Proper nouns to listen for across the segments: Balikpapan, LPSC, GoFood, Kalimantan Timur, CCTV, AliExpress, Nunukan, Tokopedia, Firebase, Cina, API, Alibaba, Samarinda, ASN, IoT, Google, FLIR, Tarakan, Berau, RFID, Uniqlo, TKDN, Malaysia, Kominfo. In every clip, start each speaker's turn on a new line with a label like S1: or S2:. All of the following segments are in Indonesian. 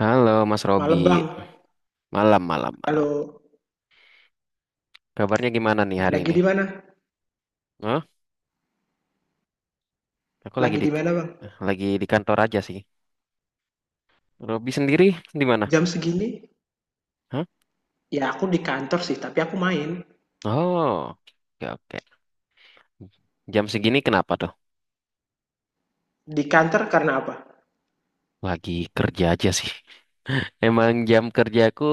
S1: Halo Mas Robi,
S2: Malam bang,
S1: malam, malam, malam.
S2: kalau
S1: Kabarnya gimana nih hari
S2: lagi
S1: ini?
S2: di mana?
S1: Hah? Aku
S2: Lagi di mana bang?
S1: lagi di kantor aja sih. Robi sendiri di mana?
S2: Jam segini?
S1: Hah?
S2: Ya aku di kantor sih, tapi aku main.
S1: Oh, oke, oke. Jam segini kenapa tuh?
S2: Di kantor karena apa?
S1: Lagi kerja aja sih. Emang jam kerjaku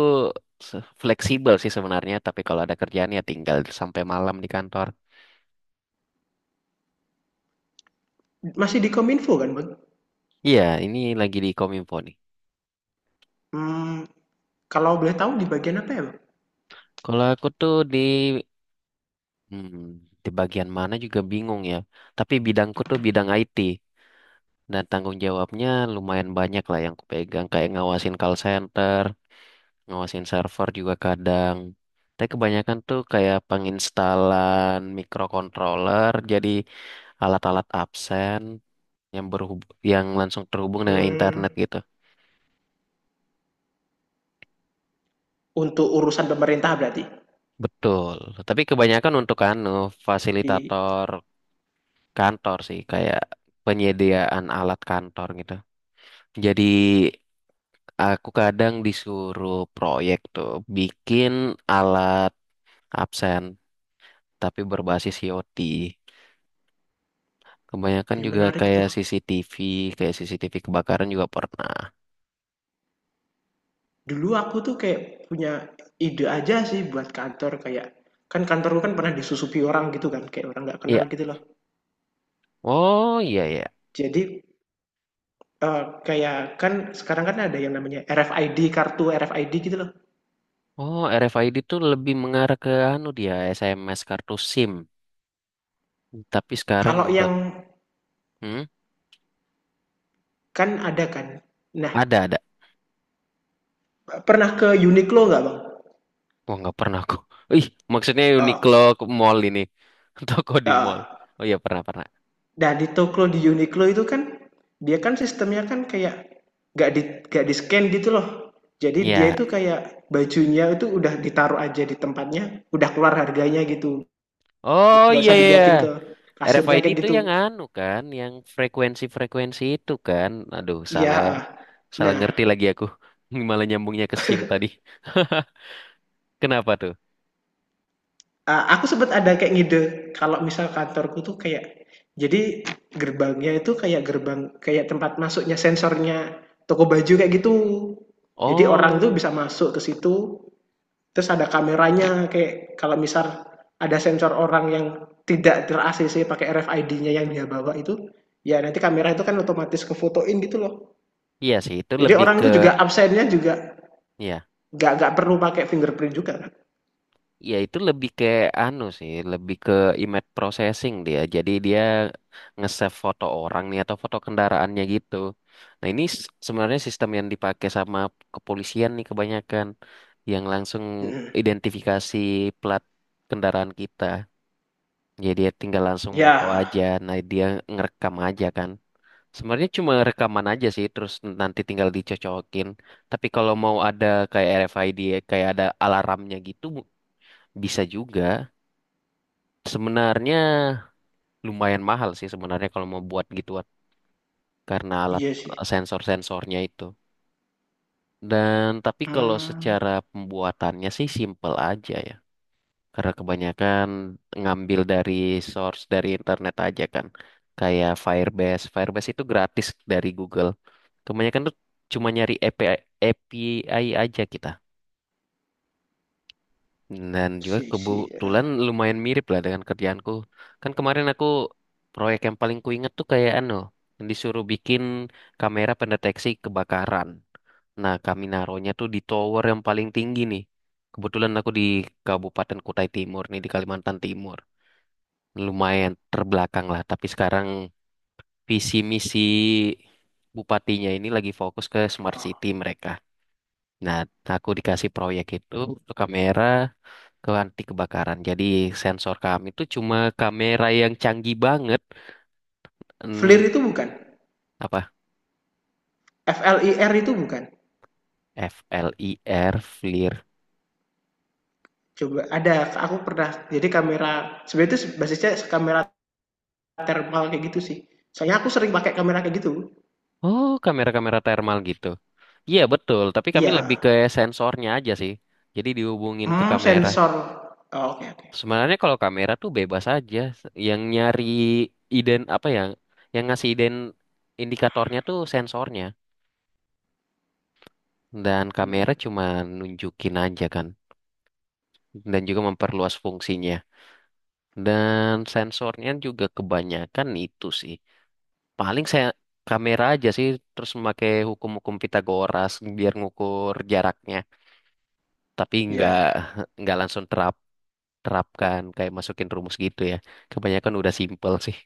S1: fleksibel sih sebenarnya, tapi kalau ada kerjaan ya tinggal sampai malam di kantor.
S2: Masih di Kominfo kan bang?
S1: Iya, ini lagi di Kominfo nih.
S2: Hmm, Kalau boleh tahu di bagian apa ya bang?
S1: Kalau aku tuh hmm, di bagian mana juga bingung ya. Tapi bidangku tuh bidang IT. Dan tanggung jawabnya lumayan banyak lah yang kupegang, kayak ngawasin call center, ngawasin server juga kadang. Tapi kebanyakan tuh kayak penginstalan microcontroller, jadi alat-alat absen yang berhub yang langsung terhubung dengan
S2: Hmm,
S1: internet gitu.
S2: untuk urusan pemerintah berarti.
S1: Betul. Tapi kebanyakan untuk anu
S2: Di,
S1: fasilitator kantor sih, kayak penyediaan alat kantor gitu. Jadi aku kadang disuruh proyek tuh bikin alat absen tapi berbasis IoT. Kebanyakan
S2: Ya
S1: juga
S2: menarik
S1: kayak
S2: tuh.
S1: CCTV, kayak CCTV kebakaran juga pernah.
S2: Dulu aku tuh kayak punya ide aja sih buat kantor kayak kan kantorku kan pernah disusupi orang gitu kan kayak orang nggak kenal
S1: Iya.
S2: gitu loh.
S1: Oh, iya, iya.
S2: Jadi kayak kan sekarang kan ada yang namanya RFID, kartu RFID gitu loh.
S1: Oh, RFID tuh lebih mengarah ke anu dia SMS kartu SIM. Tapi sekarang
S2: Kalau
S1: udah.
S2: yang
S1: Hmm?
S2: kan ada kan. Nah,
S1: Ada, ada.
S2: pernah ke Uniqlo nggak, Bang?
S1: Wah, nggak pernah aku. Ih, maksudnya Uniqlo
S2: Oh,
S1: ke mall ini toko di mall.
S2: heeh.
S1: Oh, iya, pernah, pernah.
S2: Nah, di toko di Uniqlo itu kan, dia kan sistemnya kan kayak nggak di nggak di-scan gitu loh. Jadi dia
S1: Iya.
S2: itu kayak bajunya itu udah ditaruh aja di tempatnya, udah keluar harganya gitu,
S1: Oh,
S2: nggak
S1: iya,
S2: usah
S1: iya. Iya.
S2: diliatin ke kasirnya
S1: RFID
S2: kayak
S1: itu
S2: gitu.
S1: yang anu kan, yang frekuensi-frekuensi itu kan. Aduh, salah
S2: Ya.
S1: salah
S2: Nah.
S1: ngerti lagi aku. Malah nyambungnya ke SIM tadi. Kenapa tuh?
S2: Ah, aku sempet ada kayak ngide kalau misal kantorku tuh kayak jadi gerbangnya itu kayak gerbang kayak tempat masuknya sensornya toko baju kayak gitu. Jadi orang tuh
S1: Oh,
S2: bisa masuk ke situ, terus ada kameranya kayak kalau misal ada sensor orang yang tidak ter-ACC pakai RFID-nya yang dia bawa itu, ya nanti kamera itu kan otomatis kefotoin gitu loh.
S1: iya sih, itu
S2: Jadi
S1: lebih
S2: orang
S1: ke,
S2: itu juga absennya juga
S1: ya,
S2: nggak perlu pakai fingerprint juga kan.
S1: ya itu lebih ke anu sih, lebih ke image processing dia. Jadi dia nge-save foto orang nih atau foto kendaraannya gitu. Nah, ini sebenarnya sistem yang dipakai sama kepolisian nih kebanyakan yang langsung
S2: Mm-mm.
S1: identifikasi plat kendaraan kita. Jadi dia tinggal langsung moto
S2: Ya,
S1: aja, nah dia ngerekam aja kan. Sebenarnya cuma rekaman aja sih, terus nanti tinggal dicocokin. Tapi kalau mau ada kayak RFID, kayak ada alarmnya gitu, bisa juga. Sebenarnya lumayan mahal sih sebenarnya kalau mau buat gituan, karena
S2: iya sih.
S1: sensor-sensornya itu. Dan tapi kalau
S2: Hmm.
S1: secara pembuatannya sih simple aja ya. Karena kebanyakan ngambil dari source dari internet aja kan. Kayak Firebase. Firebase itu gratis dari Google. Kebanyakan tuh cuma nyari API aja kita. Dan juga
S2: Si si eee,
S1: kebetulan lumayan mirip lah dengan kerjaanku. Kan kemarin aku proyek yang paling kuinget tuh kayak anu, yang disuruh bikin kamera pendeteksi kebakaran. Nah, kami naruhnya tuh di tower yang paling tinggi nih. Kebetulan aku di Kabupaten Kutai Timur nih, di Kalimantan Timur lumayan terbelakang lah. Tapi sekarang visi misi bupatinya ini lagi fokus ke smart
S2: Oh,
S1: city mereka. Nah, aku dikasih proyek itu untuk kamera ke anti kebakaran. Jadi sensor kami itu cuma kamera yang canggih banget.
S2: FLIR
S1: Hmm,
S2: itu bukan?
S1: Apa?
S2: FLIR itu bukan?
S1: FLIR, FLIR.
S2: Coba ada, aku pernah jadi kamera sebenarnya itu basisnya kamera thermal kayak gitu sih. Soalnya aku sering pakai kamera kayak gitu.
S1: Oh, kamera-kamera thermal gitu. Iya betul, tapi kami lebih
S2: Iya,
S1: ke sensornya aja sih. Jadi dihubungin ke kamera.
S2: sensor. Oke. Oh, oke, oke.
S1: Sebenarnya kalau kamera tuh bebas aja, yang nyari iden apa ya, yang ngasih iden indikatornya tuh sensornya, dan kamera
S2: Mmm,
S1: cuma nunjukin aja kan, dan juga memperluas fungsinya. Dan sensornya juga kebanyakan itu sih. Paling saya kamera aja sih terus memakai hukum-hukum Pitagoras biar ngukur jaraknya, tapi nggak
S2: iya.
S1: nggak langsung terapkan kayak masukin rumus gitu ya. Kebanyakan udah simple sih.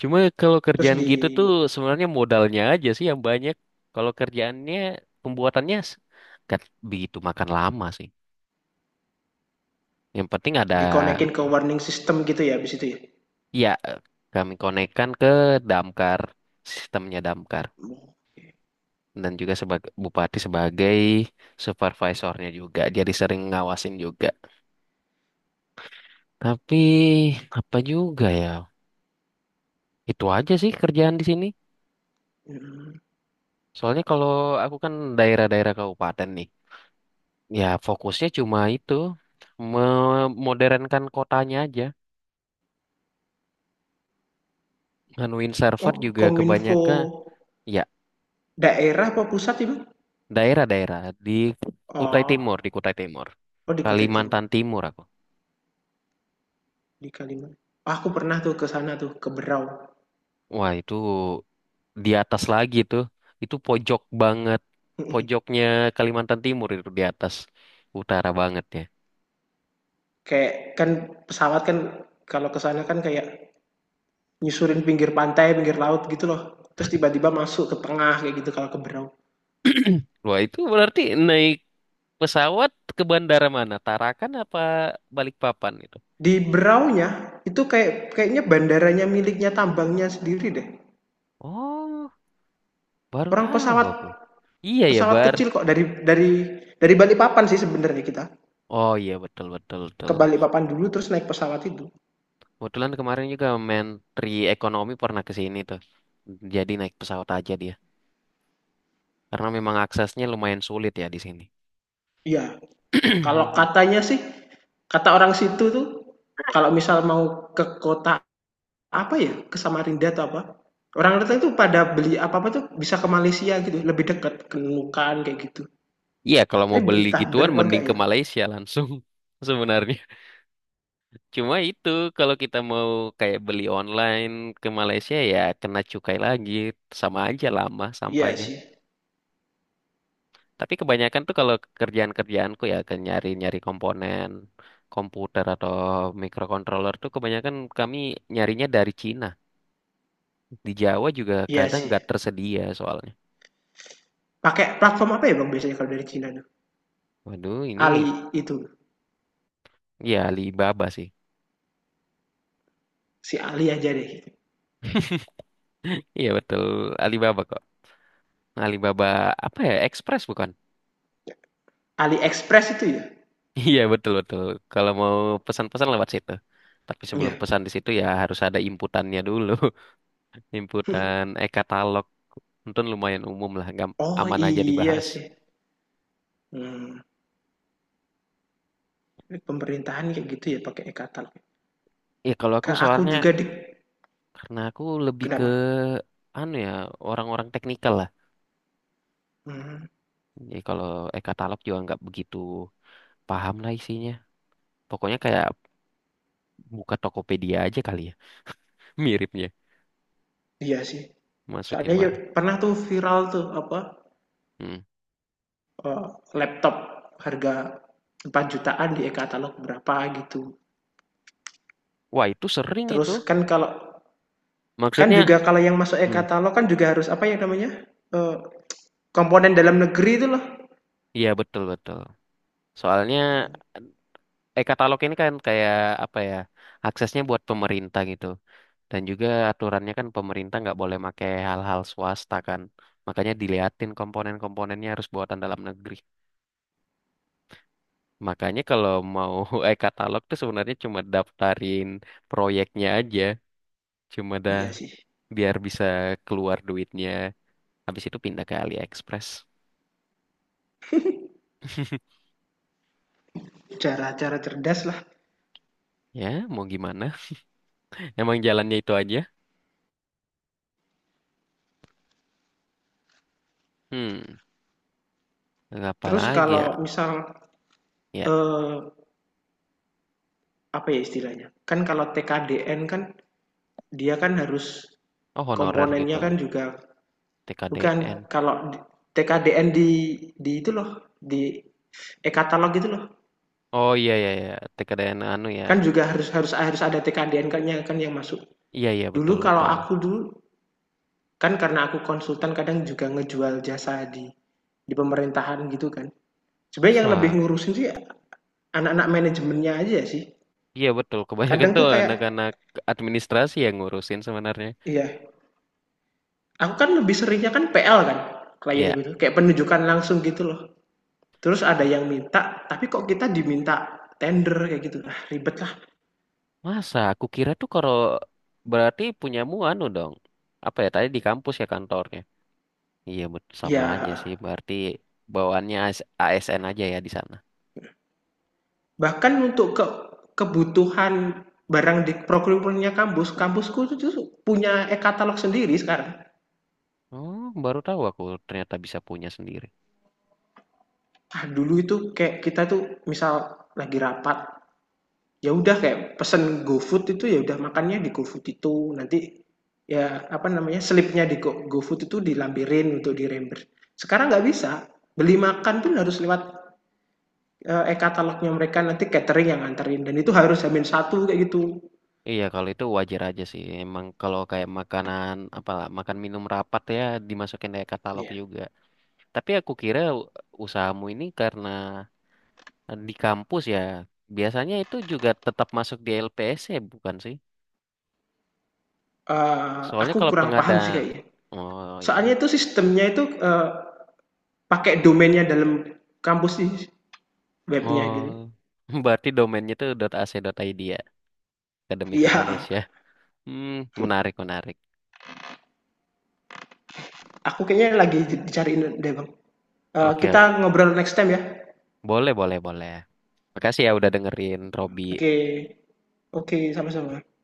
S1: Cuma kalau
S2: Terus
S1: kerjaan gitu tuh sebenarnya modalnya aja sih yang banyak. Kalau kerjaannya pembuatannya nggak begitu makan lama sih. Yang penting ada.
S2: dikonekin ke warning system gitu ya habis itu ya?
S1: Ya, kami konekkan ke damkar, sistemnya damkar,
S2: Oke,
S1: dan juga sebagai bupati, sebagai supervisornya juga. Jadi sering ngawasin juga. Tapi apa juga ya? Itu aja sih kerjaan di sini.
S2: mhm.
S1: Soalnya kalau aku kan daerah-daerah kabupaten nih. Ya fokusnya cuma itu memodernkan kotanya aja. Nganuin server
S2: Oh,
S1: juga
S2: Kominfo
S1: kebanyakan, ya,
S2: daerah apa pusat itu?
S1: daerah-daerah di Kutai
S2: Oh,
S1: Timur, di Kutai Timur.
S2: oh, di Kota Timur,
S1: Kalimantan Timur aku.
S2: di Kaliman aku pernah tuh ke sana tuh, ke Berau.
S1: Wah, itu di atas lagi tuh. Itu pojok banget.
S2: Mhm.
S1: Pojoknya Kalimantan Timur itu di atas, utara banget ya.
S2: Kayak kan pesawat kan kalau ke sana kan kayak nyusurin pinggir pantai, pinggir laut gitu loh. Terus tiba-tiba masuk ke tengah kayak gitu kalau ke Berau.
S1: Wah, itu berarti naik pesawat ke bandara mana? Tarakan apa Balikpapan itu?
S2: Di Beraunya itu kayak kayaknya bandaranya miliknya tambangnya sendiri deh.
S1: Oh, baru
S2: Orang
S1: tahu
S2: pesawat
S1: aku. Iya ya,
S2: pesawat
S1: Bar.
S2: kecil kok dari Balikpapan sih sebenarnya kita.
S1: Oh, iya, betul, betul,
S2: Ke
S1: betul.
S2: Balikpapan dulu terus naik pesawat itu.
S1: Kebetulan kemarin juga Menteri Ekonomi pernah ke sini tuh. Jadi naik pesawat aja dia. Karena memang aksesnya lumayan sulit ya di sini.
S2: Iya, kalau katanya sih kata orang situ tuh kalau misal mau ke kota, apa ya, ke Samarinda atau apa. Orang Batak itu pada beli apa-apa tuh bisa ke Malaysia gitu, lebih dekat ke Nunukan kayak gitu.
S1: Iya, kalau
S2: Tapi
S1: mau beli
S2: entah bener
S1: gituan
S2: apa
S1: mending
S2: enggak
S1: ke
S2: ya?
S1: Malaysia langsung sebenarnya. Cuma itu kalau kita mau kayak beli online ke Malaysia ya kena cukai lagi. Sama aja lama
S2: Iya
S1: sampainya.
S2: sih.
S1: Tapi kebanyakan tuh kalau kerjaan-kerjaanku ya ke nyari-nyari komponen komputer atau microcontroller tuh kebanyakan kami nyarinya dari Cina. Di Jawa juga
S2: Iya
S1: kadang
S2: sih.
S1: nggak tersedia soalnya.
S2: Pakai platform apa ya Bang biasanya kalau dari Cina tuh?
S1: Waduh, ini,
S2: Ali itu,
S1: ya, Alibaba sih.
S2: si Ali aja deh gitu.
S1: Iya betul, Alibaba kok. Alibaba apa ya? Express bukan?
S2: AliExpress itu ya?
S1: Iya, betul, betul. Kalau mau pesan-pesan lewat situ. Tapi sebelum
S2: Iya.
S1: pesan di situ ya harus ada inputannya dulu. Inputan e-katalog. Untung lumayan umum lah,
S2: Oh
S1: aman aja
S2: iya
S1: dibahas.
S2: sih. Hmm. Pemerintahan kayak gitu ya pakai e-katalog.
S1: Ya kalau
S2: Ke
S1: aku
S2: aku
S1: soalnya
S2: juga di,
S1: karena aku lebih ke
S2: kenapa?
S1: anu ya orang-orang teknikal lah.
S2: Hmm.
S1: Jadi kalau e-katalog juga nggak begitu paham lah isinya. Pokoknya kayak buka Tokopedia aja kali ya. Miripnya
S2: Iya sih.
S1: masukin
S2: Soalnya ya
S1: mbak.
S2: pernah tuh viral tuh apa?
S1: Hmm.
S2: eh, Laptop harga 4 jutaan di e-katalog berapa gitu.
S1: Wah, itu sering
S2: Terus
S1: itu.
S2: kan kalau kan
S1: Maksudnya,
S2: juga kalau yang masuk
S1: hmm,
S2: e-katalog kan juga harus apa ya namanya? Eh, Komponen dalam negeri itu loh.
S1: iya, betul, betul. Soalnya e-katalog ini kan kayak apa ya, aksesnya buat pemerintah gitu. Dan juga aturannya kan pemerintah nggak boleh pakai hal-hal swasta kan. Makanya diliatin komponen-komponennya harus buatan dalam negeri. Makanya kalau mau e-katalog tuh sebenarnya cuma daftarin proyeknya aja. Cuma dah
S2: Iya sih.
S1: biar bisa keluar duitnya. Habis itu pindah ke AliExpress.
S2: Cara-cara cerdas lah.
S1: Ya, mau gimana? Emang jalannya itu aja? Hmm, Apa
S2: Terus
S1: lagi
S2: kalau
S1: ya?
S2: misal
S1: Ya,
S2: eh, apa ya istilahnya? Kan kalau TKDN kan dia kan harus
S1: oh, honorer
S2: komponennya
S1: gitu.
S2: kan juga bukan
S1: TKDN.
S2: kalau TKDN di itu loh di e-katalog itu loh.
S1: Oh, iya, iya, iya, TKDN anu ya.
S2: Kan juga harus harus harus ada TKDN-nya kan yang masuk.
S1: Iya, iya,
S2: Dulu
S1: betul,
S2: kalau
S1: betul.
S2: aku dulu kan karena aku konsultan kadang juga ngejual jasa di pemerintahan gitu kan. Sebenarnya yang lebih
S1: Masa?
S2: ngurusin sih anak-anak manajemennya aja sih.
S1: Iya betul, kebanyakan
S2: Kadang
S1: tuh
S2: tuh kayak
S1: anak-anak administrasi yang ngurusin sebenarnya.
S2: iya, aku kan lebih seringnya kan PL kan klien
S1: Iya,
S2: gitu, kayak penunjukan langsung gitu loh. Terus ada yang minta, tapi kok kita diminta tender kayak gitu. Ah, ribet lah.
S1: masa aku kira tuh kalau berarti punyamu anu dong. Apa ya tadi di kampus ya kantornya? Iya, sama aja sih,
S2: Ya.
S1: berarti bawaannya ASN aja ya di sana.
S2: Bahkan untuk ke kebutuhan barang di procurement-nya kampus, kampusku itu punya e-katalog sendiri sekarang.
S1: Oh, baru tahu aku ternyata bisa punya sendiri.
S2: Ah, dulu itu kayak kita tuh misal lagi rapat, ya udah kayak pesen GoFood itu ya udah makannya di GoFood itu. Nanti ya apa namanya slipnya di GoFood itu dilampirin untuk di reimburse. Sekarang nggak bisa. Beli makan pun harus lewat e-katalognya mereka nanti catering yang nganterin dan itu harus hamin satu kayak gitu.
S1: Iya, kalau itu wajar aja sih. Emang kalau kayak makanan apa, makan minum rapat ya dimasukin kayak katalog
S2: Iya.
S1: juga. Tapi aku kira usahamu ini karena di kampus ya, biasanya itu juga tetap masuk di LPSC, bukan sih? Soalnya
S2: Aku
S1: kalau
S2: kurang
S1: pengada...
S2: paham sih kayaknya.
S1: Oh, iya.
S2: Soalnya itu sistemnya itu pakai domainnya dalam kampus di webnya
S1: Oh,
S2: gitu.
S1: berarti domainnya itu .ac.id ya, Akademik
S2: Iya,
S1: Indonesia. Hmm, Menarik, menarik.
S2: aku kayaknya lagi dicariin deh bang. Eh,
S1: Oke,
S2: kita
S1: oke.
S2: ngobrol next time ya.
S1: Boleh, boleh, boleh. Makasih ya udah dengerin,
S2: Oke,
S1: Robi.
S2: okay. Oke, okay, sama-sama.